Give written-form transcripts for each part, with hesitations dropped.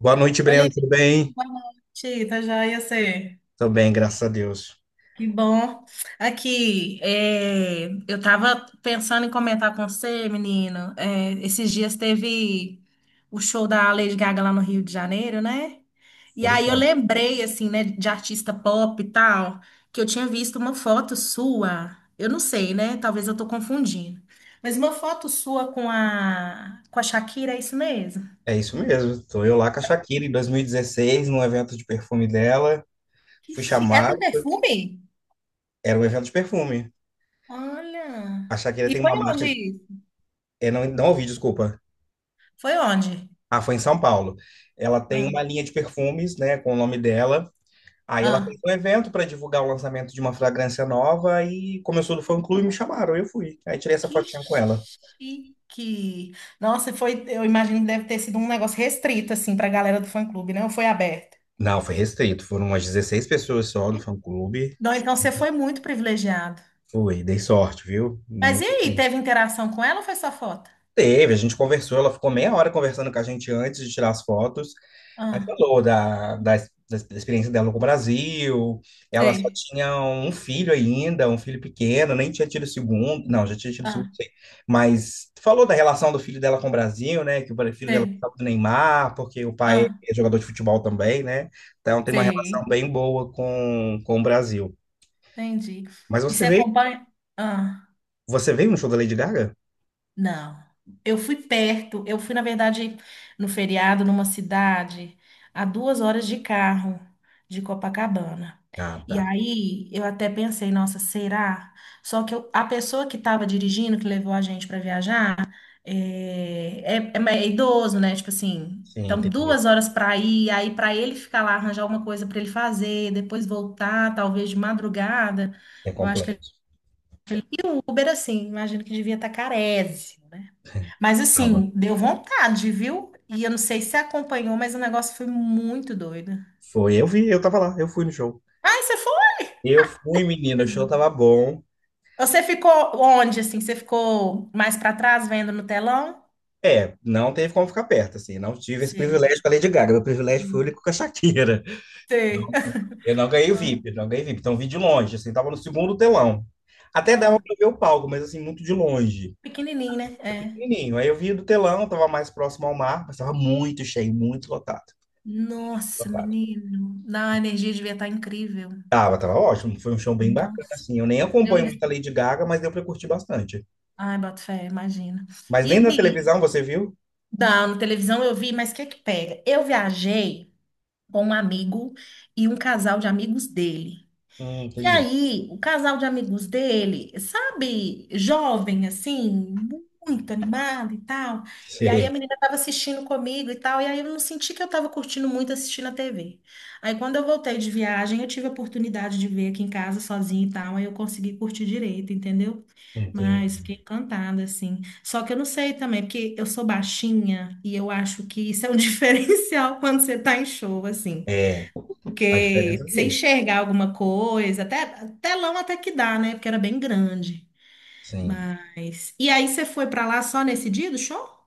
Boa noite, Oi, Breno. Levi, Tudo bem? boa noite, tá joia você? Tô bem, graças a Deus. Que bom. Aqui, eu tava pensando em comentar com você, menino. É, esses dias teve o show da Lady Gaga lá no Rio de Janeiro, né? E Foi, aí eu então. lembrei, assim, né, de artista pop e tal, que eu tinha visto uma foto sua. Eu não sei, né? Talvez eu tô confundindo. Mas uma foto sua com a Shakira, é isso mesmo? É isso mesmo. Tô eu lá com a Shakira em 2016, num evento de perfume dela. Que Fui chique. Ela tem chamado. perfume? Era um evento de perfume. Olha. A Shakira E tem foi uma onde marca de— isso? Não, não ouvi, desculpa. Foi onde? Ah, foi em São Paulo. Ela tem Ah, uma linha de perfumes, né, com o nome dela. Aí ela ah, fez um evento para divulgar o lançamento de uma fragrância nova e começou do fã-clube e me chamaram. Eu fui. Aí tirei essa que fotinha com ela. chique. Nossa, foi, eu imagino que deve ter sido um negócio restrito, assim, para a galera do fã-clube, né? Ou foi aberto? Não, foi restrito. Foram umas 16 pessoas só do fã-clube. Não, então você foi muito privilegiado. Ui, dei sorte, viu? Nem Mas me— e aí, teve interação com ela ou foi só foto? Teve, a gente conversou, ela ficou meia hora conversando com a gente antes de tirar as fotos. Aí Ah, falou da experiência dela com o Brasil. Ela só sei. tinha um filho ainda, um filho pequeno, nem tinha tido o segundo. Não, já tinha tido o segundo, Ah, sei. Mas falou da relação do filho dela com o Brasil, né? Que o filho dela sei. gostava do Neymar, porque o pai Ah, é jogador de futebol também, né? Então tem uma relação sei. bem boa com o Brasil. Entendi. Mas E você você veio, acompanha? Ah. você veio no show da Lady Gaga? Não. Eu fui perto. Eu fui, na verdade, no feriado, numa cidade, a 2 horas de carro de Copacabana. Ah, E tá. aí eu até pensei, nossa, será? Só que a pessoa que estava dirigindo, que levou a gente para viajar, é idoso, né? Tipo assim, Sim, então entendi. 2 horas para ir, aí para ele ficar lá, arranjar alguma coisa para ele fazer, depois voltar, talvez de madrugada. É Eu acho que complexo. E o Uber, assim, imagino que devia estar carésimo, né? Mas Tava. assim, deu vontade, viu? E eu não sei se você acompanhou, mas o negócio foi muito doido. Foi, eu vi, eu tava lá, eu fui no show. Ai, você foi? Eu fui, menino, o show tava bom. Você ficou onde, assim? Você ficou mais pra trás, vendo no telão? É, não teve como ficar perto, assim, não tive esse Sei. privilégio com a Lady Gaga, meu privilégio foi o Sim. único com a Shakira. Sei. Eu não ganhei o VIP, eu não ganhei VIP, então vi de longe, assim, tava no segundo telão. Até dava Ah, pra ver o palco, mas assim, muito de longe. pequenininho, né? É. Pequenininho, aí eu vi do telão, tava mais próximo ao mar, mas tava muito cheio, muito lotado. Nossa, Lotado. menino. Não, a energia devia estar incrível. Tava ótimo, foi um show bem bacana, Nossa. assim, eu nem Eu... acompanho muito a Lady Gaga, mas deu pra curtir bastante. Ai, boto fé, imagina. Mas E nem na aqui? televisão, você viu? Não, na televisão eu vi, mas o que é que pega? Eu viajei com um amigo e um casal de amigos dele. E Entendi. aí, o casal de amigos dele, sabe, jovem, assim, muito animado e tal. E aí a Sim, menina tava assistindo comigo e tal, e aí eu não senti que eu tava curtindo muito assistindo a TV. Aí quando eu voltei de viagem, eu tive a oportunidade de ver aqui em casa sozinha e tal, aí eu consegui curtir direito, entendeu? entendi. Mas fiquei encantada, assim. Só que eu não sei também, porque eu sou baixinha e eu acho que isso é um diferencial quando você tá em show, assim, É, faz porque diferença você sim. enxergar alguma coisa, até telão até que dá, né? Porque era bem grande. Sim. Mas. E aí você foi pra lá só nesse dia do show?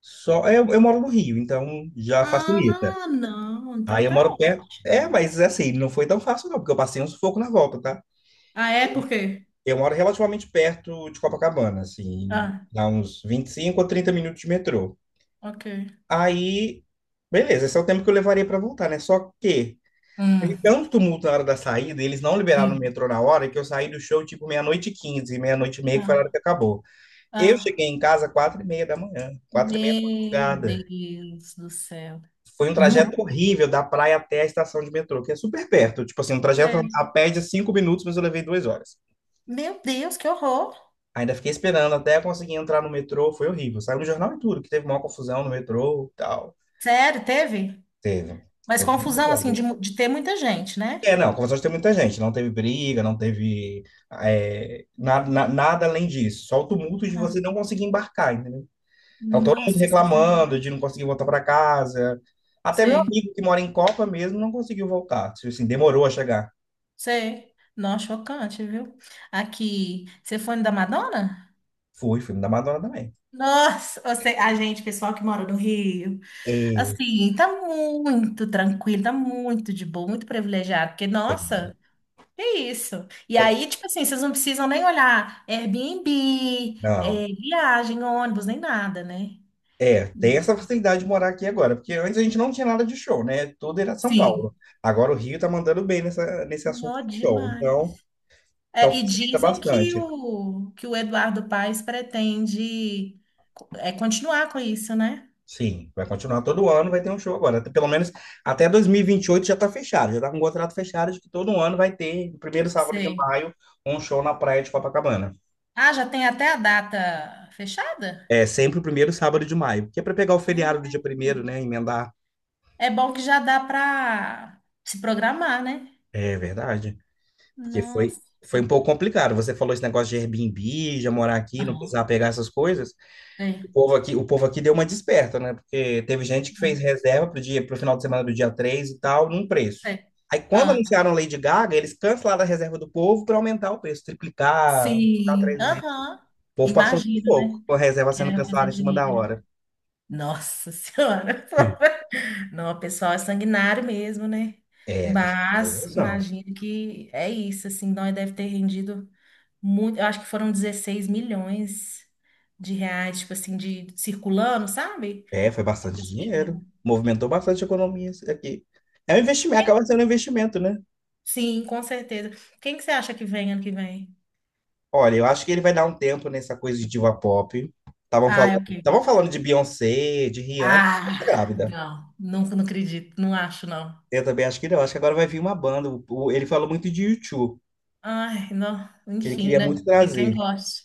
Só, eu moro no Rio, então já facilita. Ah, não. Aí Então eu tá. moro Ó. perto. É, mas é assim, não foi tão fácil não, porque eu passei um sufoco na volta, tá? Ah, é por quê? Eu moro relativamente perto de Copacabana, assim, Ah, dá uns 25 ou 30 minutos de metrô. ok. Aí, beleza, esse é o tempo que eu levaria para voltar, né? Só que teve Hum, tanto tumulto na hora da saída, eles não liberaram o sim. metrô na hora, que eu saí do show tipo meia-noite e 15, meia-noite e meia, que foi a hora Ah, que acabou. Eu ah. cheguei em casa 4h30 da manhã, quatro e meia da Meu madrugada. Deus do céu. Foi um Nu. trajeto horrível da praia até a estação de metrô, que é super perto. Tipo assim, um trajeto Sei. a pé de 5 minutos, mas eu levei 2 horas. Meu Deus, que horror. Ainda fiquei esperando até conseguir entrar no metrô, foi horrível. Saiu no jornal e tudo, que teve uma confusão no metrô e tal. Sério, teve? Teve. Mas Foi muito confusão assim de, bom. De ter muita gente, né? É, não, confusões tem muita gente. Não teve briga, não teve nada além disso. Só o tumulto de você Aham. não conseguir embarcar, entendeu? Então, todo mundo Nossa Senhora. reclamando de não conseguir voltar para casa. Até meu amigo que mora em Copa mesmo não conseguiu voltar. Tipo assim, demorou a chegar. Sei. Não, chocante, viu? Aqui, você foi no da Madonna? Fui, filme da Madonna também. Nossa, você, a gente, pessoal que mora no Rio, E, assim, tá muito tranquilo, tá muito de boa, muito privilegiado, porque, É, nossa, é isso. E é, aí, tipo assim, vocês não precisam nem olhar Airbnb, não. viagem, ônibus, nem nada, né? É, tem essa facilidade de morar aqui agora, porque antes a gente não tinha nada de show, né? Tudo era São Sim. Paulo. Agora o Rio tá mandando bem nesse assunto Nó de show. Então, demais. então É, e facilita dizem que bastante. o, que o Eduardo Paes pretende, continuar com isso, né? Sim, vai continuar todo ano, vai ter um show agora. Até Pelo menos até dois mil e vinte e oito já está fechado, já está com o contrato fechado de que todo ano vai ter, no primeiro sábado de Sei. maio, um show na praia de Copacabana. Ah, já tem até a data fechada? É sempre o primeiro sábado de maio, que é para pegar o feriado do Ai, dia primeiro, né? Emendar. é bom que já dá para se programar, né? É verdade. Porque foi, Nossa. foi um pouco complicado. Você falou esse negócio de Airbnb, já morar aqui, não Aham. precisar pegar essas coisas. Sei. O povo aqui deu uma desperta, né? Porque teve gente que fez Hum, reserva pro final de semana do dia 3 e tal, num preço. sei. Aí quando Ah, anunciaram Lady Gaga, eles cancelaram a reserva do povo para aumentar o preço, triplicar, ficar sim. 3 vezes. O Aham. povo passou um Imagino, pouco, né? com a reserva sendo Querendo fazer cancelada em cima da dinheiro. hora. Nossa Senhora. Não, o pessoal é sanguinário mesmo, né? É, com Mas essa não. imagino que é isso, assim, nós deve ter rendido muito, eu acho que foram 16 milhões de reais, tipo assim, de circulando, sabe? É, foi bastante dinheiro. Movimentou bastante a economia isso aqui. É um investimento, acaba sendo um investimento, né? Sim, com certeza. Quem que você acha que vem ano que vem? Olha, eu acho que ele vai dar um tempo nessa coisa de diva pop. Estavam Ah, é falando, o quê? estavam falando de Beyoncé, de Rihanna, mas tá Ah, grávida. não, nunca não acredito, não acho não. Eu também acho que não. Acho que agora vai vir uma banda. Ele falou muito de U2, Ai, não, que ele enfim, queria né? muito Tem quem trazer. goste.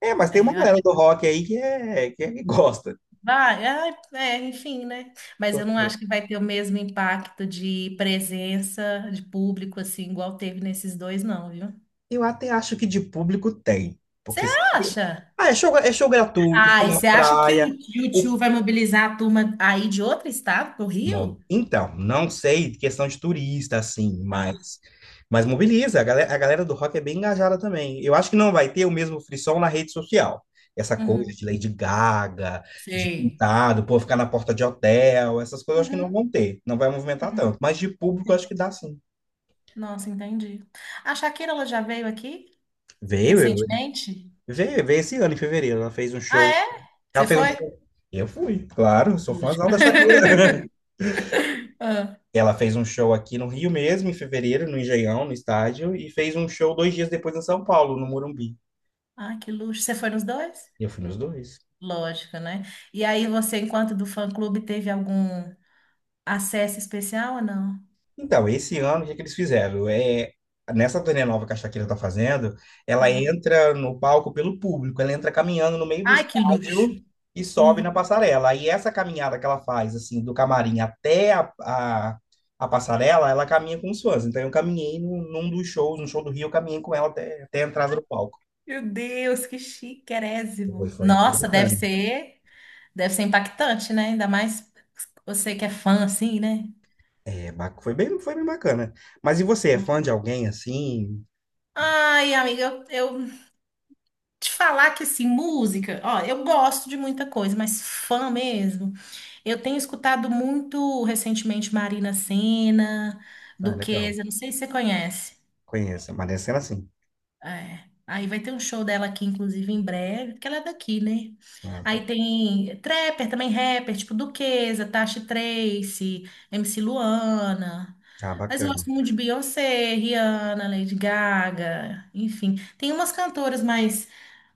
É, mas tem É, uma eu acho galera que do rock aí que gosta. vai, enfim, né? Mas eu não acho que vai ter o mesmo impacto de presença de público assim igual teve nesses dois, não, viu? Eu até acho que de público tem, Você porque acha? É show gratuito, Ah, e show na você acha que praia. o O YouTube vai mobilizar a turma aí de outro estado, pro Bom, Rio? então, não sei questão de turista, assim, Ah, mas mobiliza. A galera do rock é bem engajada também. Eu acho que não vai ter o mesmo frisson na rede social. Essa coisa uhum. de Lady Gaga, de Sei. pintado, pô, ficar na porta de hotel, essas coisas eu acho que não Uhum, vão ter. Não vai movimentar uhum, tanto. Mas de público eu acho sim. que dá sim. Nossa, entendi. A Shakira, ela já veio aqui Veio, eu- recentemente? veio esse ano, em fevereiro. Ela fez um Ah, show. é? Ela Você fez um foi? show. Eu fui, claro, sou Lógico. fãzão da Shakira. Ah, Ela fez um show aqui no Rio mesmo, em fevereiro, no Engenhão, no estádio, e fez um show 2 dias depois em São Paulo, no Morumbi. ah, que luxo. Você foi nos dois? E eu fui nos dois. Lógico, né? E aí você, enquanto do fã-clube, teve algum acesso especial ou não? Então, esse ano, o que é que eles fizeram? É, nessa turnê nova que a Shakira tá fazendo, ela Ah. entra no palco pelo público, ela entra caminhando no meio do Ai, que luxo. estádio e sobe na Hum. passarela. Aí essa caminhada que ela faz, assim, do camarim até a passarela, ela caminha com os fãs. Então, eu caminhei num dos shows, no show do Rio, eu caminhei com ela até a entrada do palco. Meu Deus, que Foi, chiquérrimo. foi, foi Nossa, deve bacana. ser. Deve ser impactante, né? Ainda mais você que é fã, assim, né? É, foi bem bacana. Mas e você, é fã de alguém assim? Ai, amiga, eu te falar que, assim, música... Ó, eu gosto de muita coisa, mas fã mesmo... Eu tenho escutado muito recentemente Marina Sena, Ah, legal. Duquesa, não sei se você conhece. Conheço. Mas é cena assim. É. Aí vai ter um show dela aqui, inclusive, em breve, porque ela é daqui, né? Ah, tá. Aí tem trapper, também rapper, tipo Duquesa, Tasha Tracie, MC Luana. Ah, Mas eu bacana. gosto muito de Beyoncé, Rihanna, Lady Gaga, enfim. Tem umas cantoras mais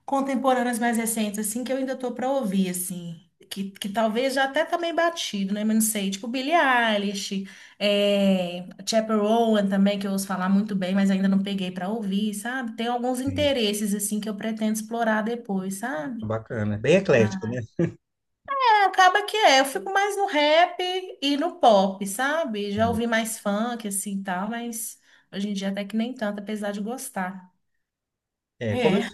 contemporâneas mais recentes, assim, que eu ainda tô pra ouvir, assim. Que talvez já até também batido, né? Mas não sei. Tipo Billie Eilish, Chappell Roan também, que eu ouço falar muito bem, mas ainda não peguei pra ouvir, sabe? Tem alguns Sim. interesses, assim, que eu pretendo explorar depois, sabe? Bacana. Bem eclético, né? É, acaba que é. Eu fico mais no rap e no pop, sabe? Já Sim. ouvi mais funk, assim, e tal, mas hoje em dia até que nem tanto, apesar de gostar. É, como eu, É,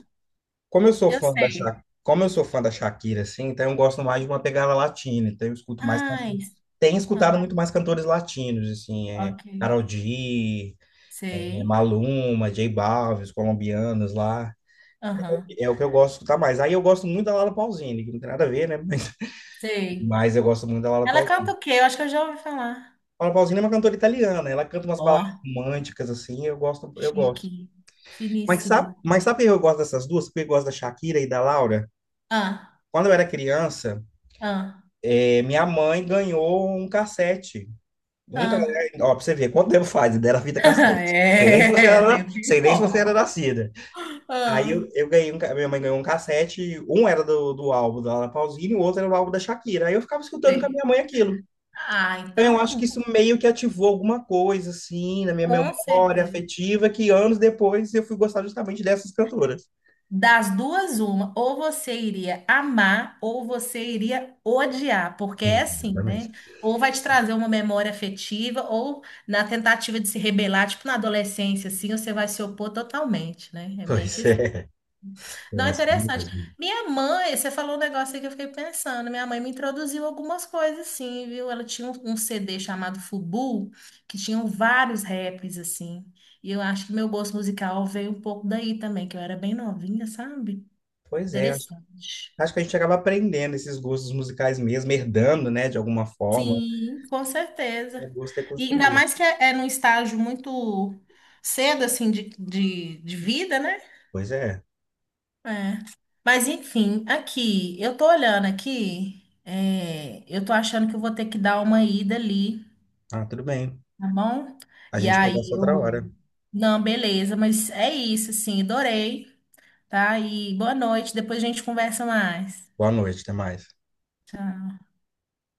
como eu eu sei. Sou fã da Shakira, assim, então eu gosto mais de uma pegada latina. Então eu escuto mais Ai, cantores. Tenho escutado ah, muito mais cantores latinos, assim, ok. Karol G, Sei. Maluma, J Balvin, os colombianos lá. Aham. É o que eu gosto de escutar mais. Aí eu gosto muito da Laura Pausini, que não tem nada a ver, né? Sei. Mas eu gosto muito da Laura Ela canta Pausini. o quê? Eu acho que eu já ouvi falar. Paula Pausini é uma cantora italiana, ela canta umas Ó, baladas românticas, assim, eu gosto, eu chique. gosto. Mas sabe, Finíssimo. mas sabe por que eu gosto dessas duas? Porque eu gosto da Shakira e da Laura. Ah, Quando eu era criança, ah, minha mãe ganhou um cassete. Um, ca- ah. Ó, pra você ver, quanto tempo faz? Dela vida cassete. Sei nem se você era, É, tem na- um sei fio nem se bom. você era nascida. Aí Ah, eu ganhei, um ca- minha mãe ganhou um cassete, um era do álbum da Laura Pausini, o outro era do álbum da Shakira. Aí eu ficava escutando com a sei. minha mãe aquilo. Ah, Então, eu acho então, que isso meio que ativou alguma coisa, assim, na minha com memória certeza. afetiva, que anos depois eu fui gostar justamente dessas cantoras. Das duas, uma. Ou você iria amar, ou você iria odiar. Porque é assim, Exatamente. né? Ou vai te trazer uma memória afetiva, ou na tentativa de se rebelar, tipo na adolescência, assim, você vai se opor totalmente, né? É meio que. Pois é, é Não, assim interessante. mesmo. Minha mãe, você falou um negócio aí que eu fiquei pensando. Minha mãe me introduziu algumas coisas, assim, viu? Ela tinha um, CD chamado Fubu, que tinham vários raps, assim. E eu acho que meu gosto musical veio um pouco daí também, que eu era bem novinha, sabe? Pois é, acho, Interessante. acho que a gente acaba aprendendo esses gostos musicais mesmo, herdando, né, de alguma forma. Sim, com O certeza. gosto é E ainda construído. mais que é num estágio muito cedo, assim, de vida, né? Pois é. É. Mas enfim, aqui, eu tô olhando aqui, eu tô achando que eu vou ter que dar uma ida ali, Ah, tudo bem. tá bom? A E gente aí conversa outra eu. hora. Não, beleza, mas é isso, assim, adorei, tá? E boa noite, depois a gente conversa mais. Boa noite, até mais. Tchau.